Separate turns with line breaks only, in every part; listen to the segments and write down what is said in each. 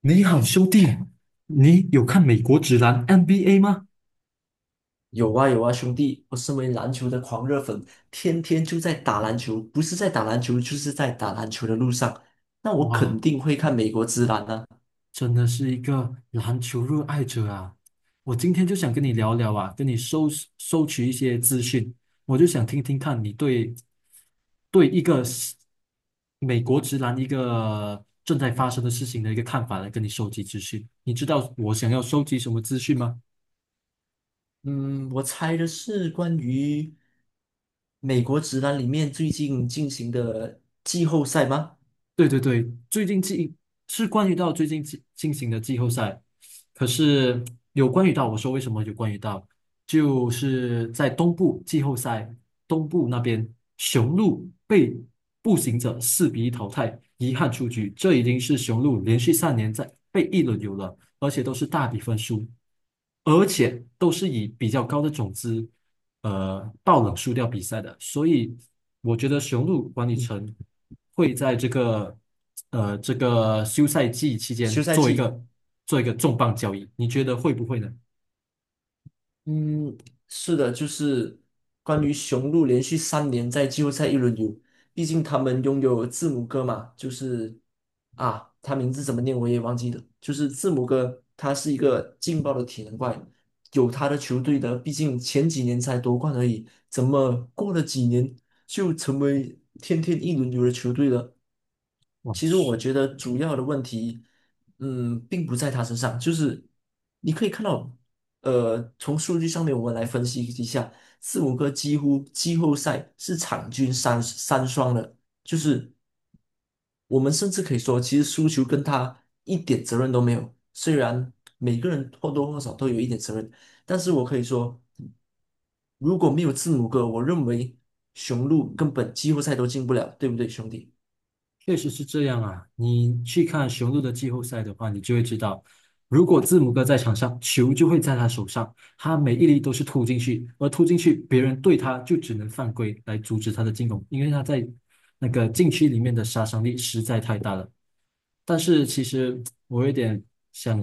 你好，兄弟，你有看美国职篮 NBA 吗？
有啊有啊，兄弟，我身为篮球的狂热粉，天天就在打篮球，不是在打篮球，就是在打篮球的路上。那我肯
哇，
定会看美国职篮啊。
真的是一个篮球热爱者啊！我今天就想跟你聊聊啊，跟你收取一些资讯，我就想听听看你对一个是美国职篮一个正在发生的事情的一个看法，来跟你收集资讯。你知道我想要收集什么资讯吗？
嗯，我猜的是关于美国职篮里面最近进行的季后赛吗？
对对对，最近季是关于到最近进行的季后赛，可是有关于到我说为什么有关于到，就是在东部季后赛东部那边，雄鹿被步行者4-1淘汰，遗憾出局，这已经是雄鹿连续三年在被一轮游了，而且都是大比分输，而且都是以比较高的种子，爆冷输掉比赛的，所以我觉得雄鹿管理
嗯，
层会在这个这个休赛季期间
休赛季。
做一个重磅交易，你觉得会不会呢？
嗯，是的，就是关于雄鹿连续三年在季后赛一轮游，毕竟他们拥有字母哥嘛，他名字怎么念我也忘记了，就是字母哥，他是一个劲爆的体能怪，有他的球队的，毕竟前几年才夺冠而已，怎么过了几年就成为天天一轮游的球队了。
哇，
其实我觉得主要的问题，并不在他身上，就是你可以看到，从数据上面我们来分析一下，字母哥几乎季后赛是场均三三双的，就是。我们甚至可以说，其实输球跟他一点责任都没有。虽然每个人或多或少都有一点责任，但是我可以说，如果没有字母哥，我认为雄鹿根本季后赛都进不了，对不对，兄弟？
确实是这样啊，你去看雄鹿的季后赛的话，你就会知道，如果字母哥在场上，球就会在他手上，他每一粒都是突进去，而突进去，别人对他就只能犯规来阻止他的进攻，因为他在那个禁区里面的杀伤力实在太大了。但是其实我有点想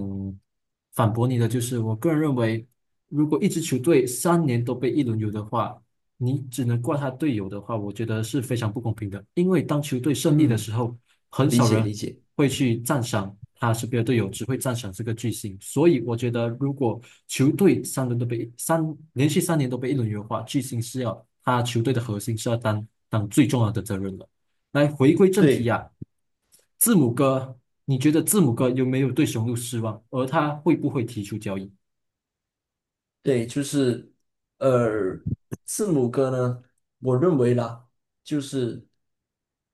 反驳你的，就是我个人认为，如果一支球队三年都被一轮游的话，你只能怪他队友的话，我觉得是非常不公平的。因为当球队胜利的
嗯，
时候，很
理
少
解理
人
解，
会去赞赏他身边的队友，只会赞赏这个巨星。所以我觉得，如果球队三轮都被三连续三年都被一轮优化，巨星是要他球队的核心是要担当最重要的责任了。来回归正题
对
呀、字母哥，你觉得字母哥有没有对雄鹿失望？而他会不会提出交易？
对，呃，字母哥呢，我认为啦，就是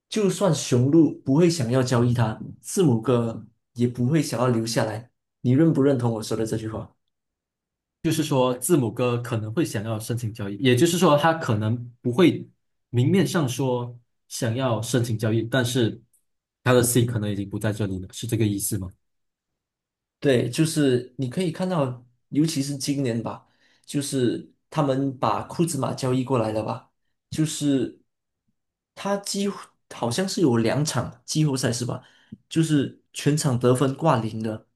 就算雄鹿不会想要交易他，字母哥也不会想要留下来。你认不认同我说的这句话？
就是说字母哥可能会想要申请交易，也就是说他可能不会明面上说想要申请交易，但是他的心可能已经不在这里了，是这个意思吗？
对，就是你可以看到，尤其是今年吧，就是他们把库兹马交易过来了吧，就是他几乎好像是有两场季后赛是吧？就是全场得分挂零的。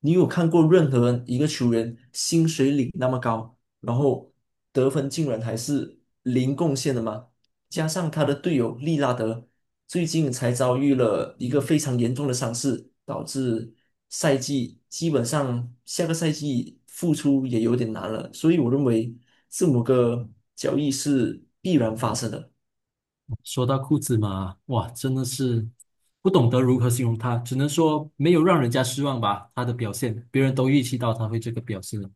你有看过任何一个球员薪水领那么高，然后得分竟然还是零贡献的吗？加上他的队友利拉德最近才遭遇了一个非常严重的伤势，导致赛季基本上下个赛季复出也有点难了。所以我认为字母哥交易是必然发生的。
说到库兹马，哇，真的是不懂得如何形容他，只能说没有让人家失望吧，他的表现，别人都预期到他会这个表现了。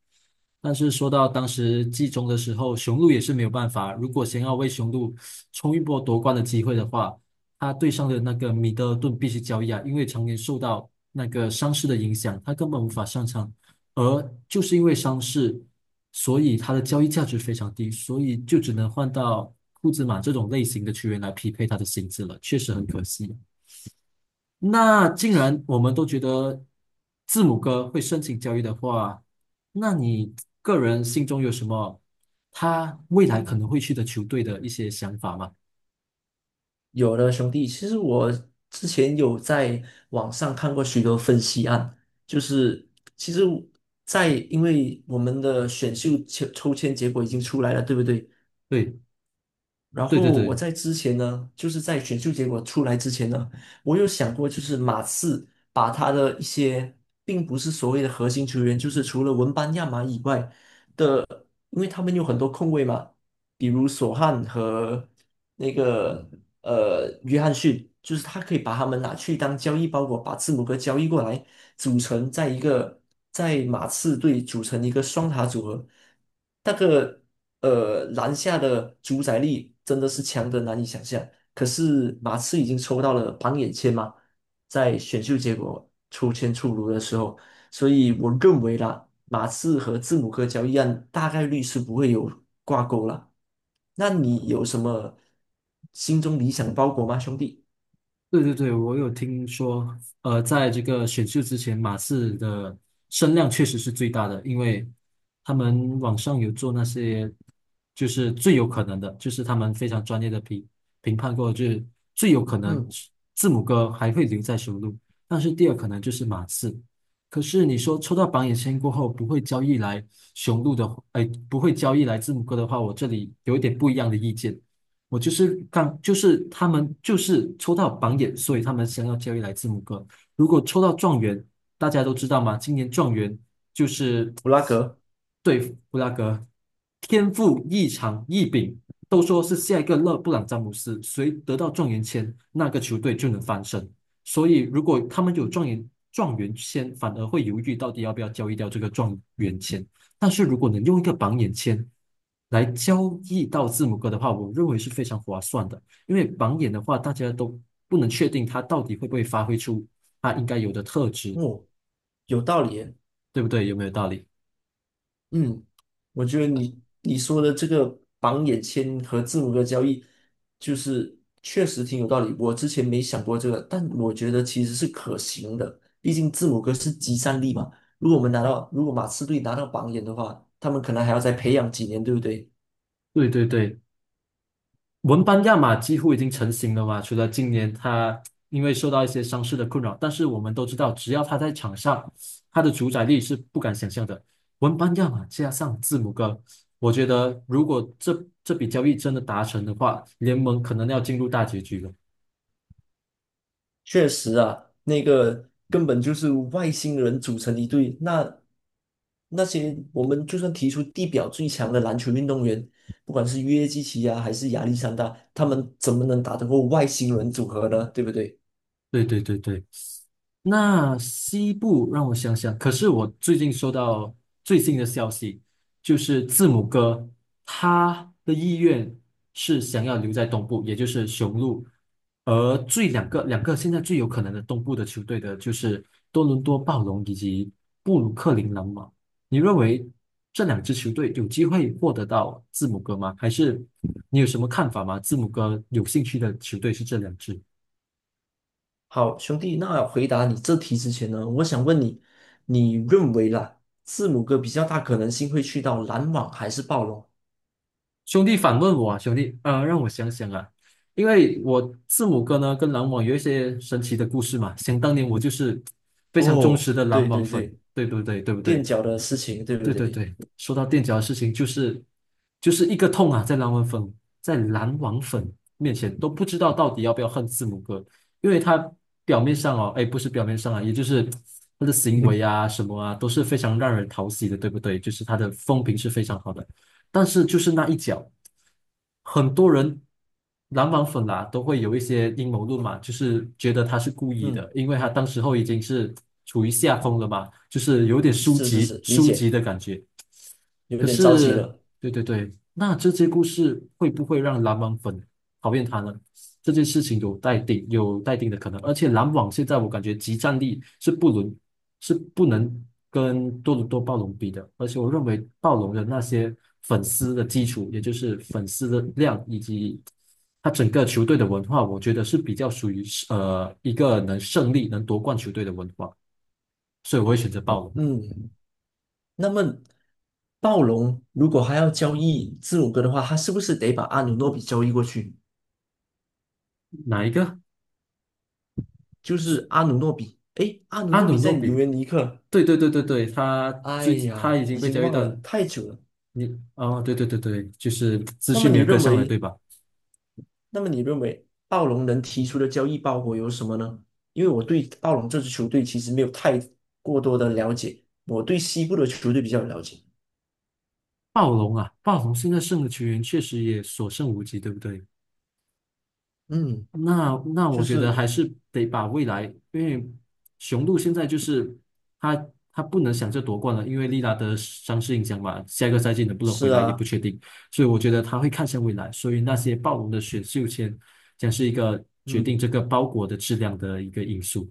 但是说到当时季中的时候，雄鹿也是没有办法。如果想要为雄鹿冲一波夺冠的机会的话，他对上的那个米德尔顿必须交易啊，因为常年受到那个伤势的影响，他根本无法上场。而就是因为伤势，所以他的交易价值非常低，所以就只能换到库兹马这种类型的球员来匹配他的薪资了，确实很可惜啊。那既然我们都觉得字母哥会申请交易的话，那你个人心中有什么他未来可能会去的球队的一些想法吗？
有的兄弟，其实我之前有在网上看过许多分析案，就是其实在，因为我们的选秀抽签结果已经出来了，对不对？
对，
然
对对
后我
对。
在之前呢，就是在选秀结果出来之前呢，我有想过，就是马刺把他的一些并不是所谓的核心球员，就是除了文班亚马以外的，因为他们有很多控卫嘛，比如索汉和那个约翰逊，就是他可以把他们拿去当交易包裹，把字母哥交易过来，组成在一个在马刺队组成一个双塔组合。那个篮下的主宰力真的是强得难以想象。可是马刺已经抽到了榜眼签嘛，在选秀结果抽签出炉的时候，所以我认为啦，马刺和字母哥交易案大概率是不会有挂钩了。那你有什么心中理想包裹吗，兄弟？
对对对，我有听说，在这个选秀之前，马刺的声量确实是最大的，因为他们网上有做那些，就是最有可能的，就是他们非常专业的评判过，就是最有可能
嗯，
字母哥还会留在雄鹿，但是第二可能就是马刺。可是你说抽到榜眼签过后不会交易来雄鹿的，哎，不会交易来字母哥的话，我这里有一点不一样的意见。我就是刚，就是他们就是抽到榜眼，所以他们想要交易来字母哥。如果抽到状元，大家都知道嘛，今年状元就是
布拉格。
对布拉格天赋异常异禀，都说是下一个勒布朗詹姆斯，谁得到状元签，那个球队就能翻身。所以如果他们有状元签，反而会犹豫到底要不要交易掉这个状元签。但是如果能用一个榜眼签来交易到字母哥的话，我认为是非常划算的。因为榜眼的话，大家都不能确定他到底会不会发挥出他应该有的特质，
哦，有道理耶。
对不对？有没有道理？
嗯，我觉得你说的这个榜眼签和字母哥交易，就是确实挺有道理。我之前没想过这个，但我觉得其实是可行的。毕竟字母哥是集散力嘛。如果我们拿到，如果马刺队拿到榜眼的话，他们可能还要再培养几年，对不对？
对对对，文班亚马几乎已经成型了嘛，除了今年他因为受到一些伤势的困扰，但是我们都知道，只要他在场上，他的主宰力是不敢想象的。文班亚马加上字母哥，我觉得如果这笔交易真的达成的话，联盟可能要进入大结局了。
确实啊，那个根本就是外星人组成一队。那那些我们就算提出地表最强的篮球运动员，不管是约基奇啊，还是亚历山大，他们怎么能打得过外星人组合呢？对不对？
对对对对。那西部让我想想，可是我最近收到最新的消息，就是字母哥他的意愿是想要留在东部，也就是雄鹿，而最两个现在最有可能的东部的球队的就是多伦多暴龙以及布鲁克林篮网。你认为这两支球队有机会获得到字母哥吗？还是你有什么看法吗？字母哥有兴趣的球队是这两支。
好，兄弟，那回答你这题之前呢，我想问你，你认为啦，字母哥比较大可能性会去到篮网还是暴龙？
兄弟反问我啊，兄弟，让我想想啊，因为我字母哥呢跟篮网有一些神奇的故事嘛。想当年我就是非常忠
哦，
实的篮
对
网
对
粉，
对，
对不对？对不
垫
对？
脚的事情，对不
对对
对？
对。说到垫脚的事情，就是一个痛啊，在篮网粉面前都不知道到底要不要恨字母哥，因为他表面上哦，哎，不是表面上啊，也就是他的行 为啊什么啊，都是非常让人讨喜的，对不对？就是他的风评是非常好的。但是就是那一脚，很多人篮网粉啊都会有一些阴谋论嘛，就是觉得他是故意
嗯，
的，因为他当时候已经是处于下风了嘛，就是有点
是是是，理
输急
解，
的感觉。
有
可
点着急
是，
了。
对对对，那这些故事会不会让篮网粉讨厌他呢？这件事情有待定，有待定的可能。而且篮网现在我感觉集战力是不能跟多伦多暴龙比的。而且我认为暴龙的那些粉丝的基础，也就是粉丝的量以及他整个球队的文化，我觉得是比较属于一个能胜利、能夺冠球队的文化，所以我会选择暴龙。
嗯，那么暴龙如果还要交易字母哥的话，他是不是得把阿努诺比交易过去？
哪一个？
就是阿努诺比，诶，阿努
阿
诺
努
比在
诺
尤
比。
文尼克，
对对对对对，他
哎
最他已
呀，
经
已
被
经
交易
忘
到
了，太久了。
你哦，对对对对，就是资
那么
讯没
你
有跟
认
上来，对
为，
吧？
那么你认为暴龙能提出的交易包裹有什么呢？因为我对暴龙这支球队其实没有太过多的了解，我对西部的球队比较了解。
暴龙啊，暴龙现在剩的球员确实也所剩无几，对不对？
嗯，
那那
就
我觉得还
是
是得把未来，因为雄鹿现在就是他他不能想着夺冠了，因为利拉德伤势影响嘛，下一个赛季能不能
是
回来也不
啊，
确定，所以我觉得他会看向未来，所以那些暴龙的选秀签将是一个决定
嗯。
这个包裹的质量的一个因素。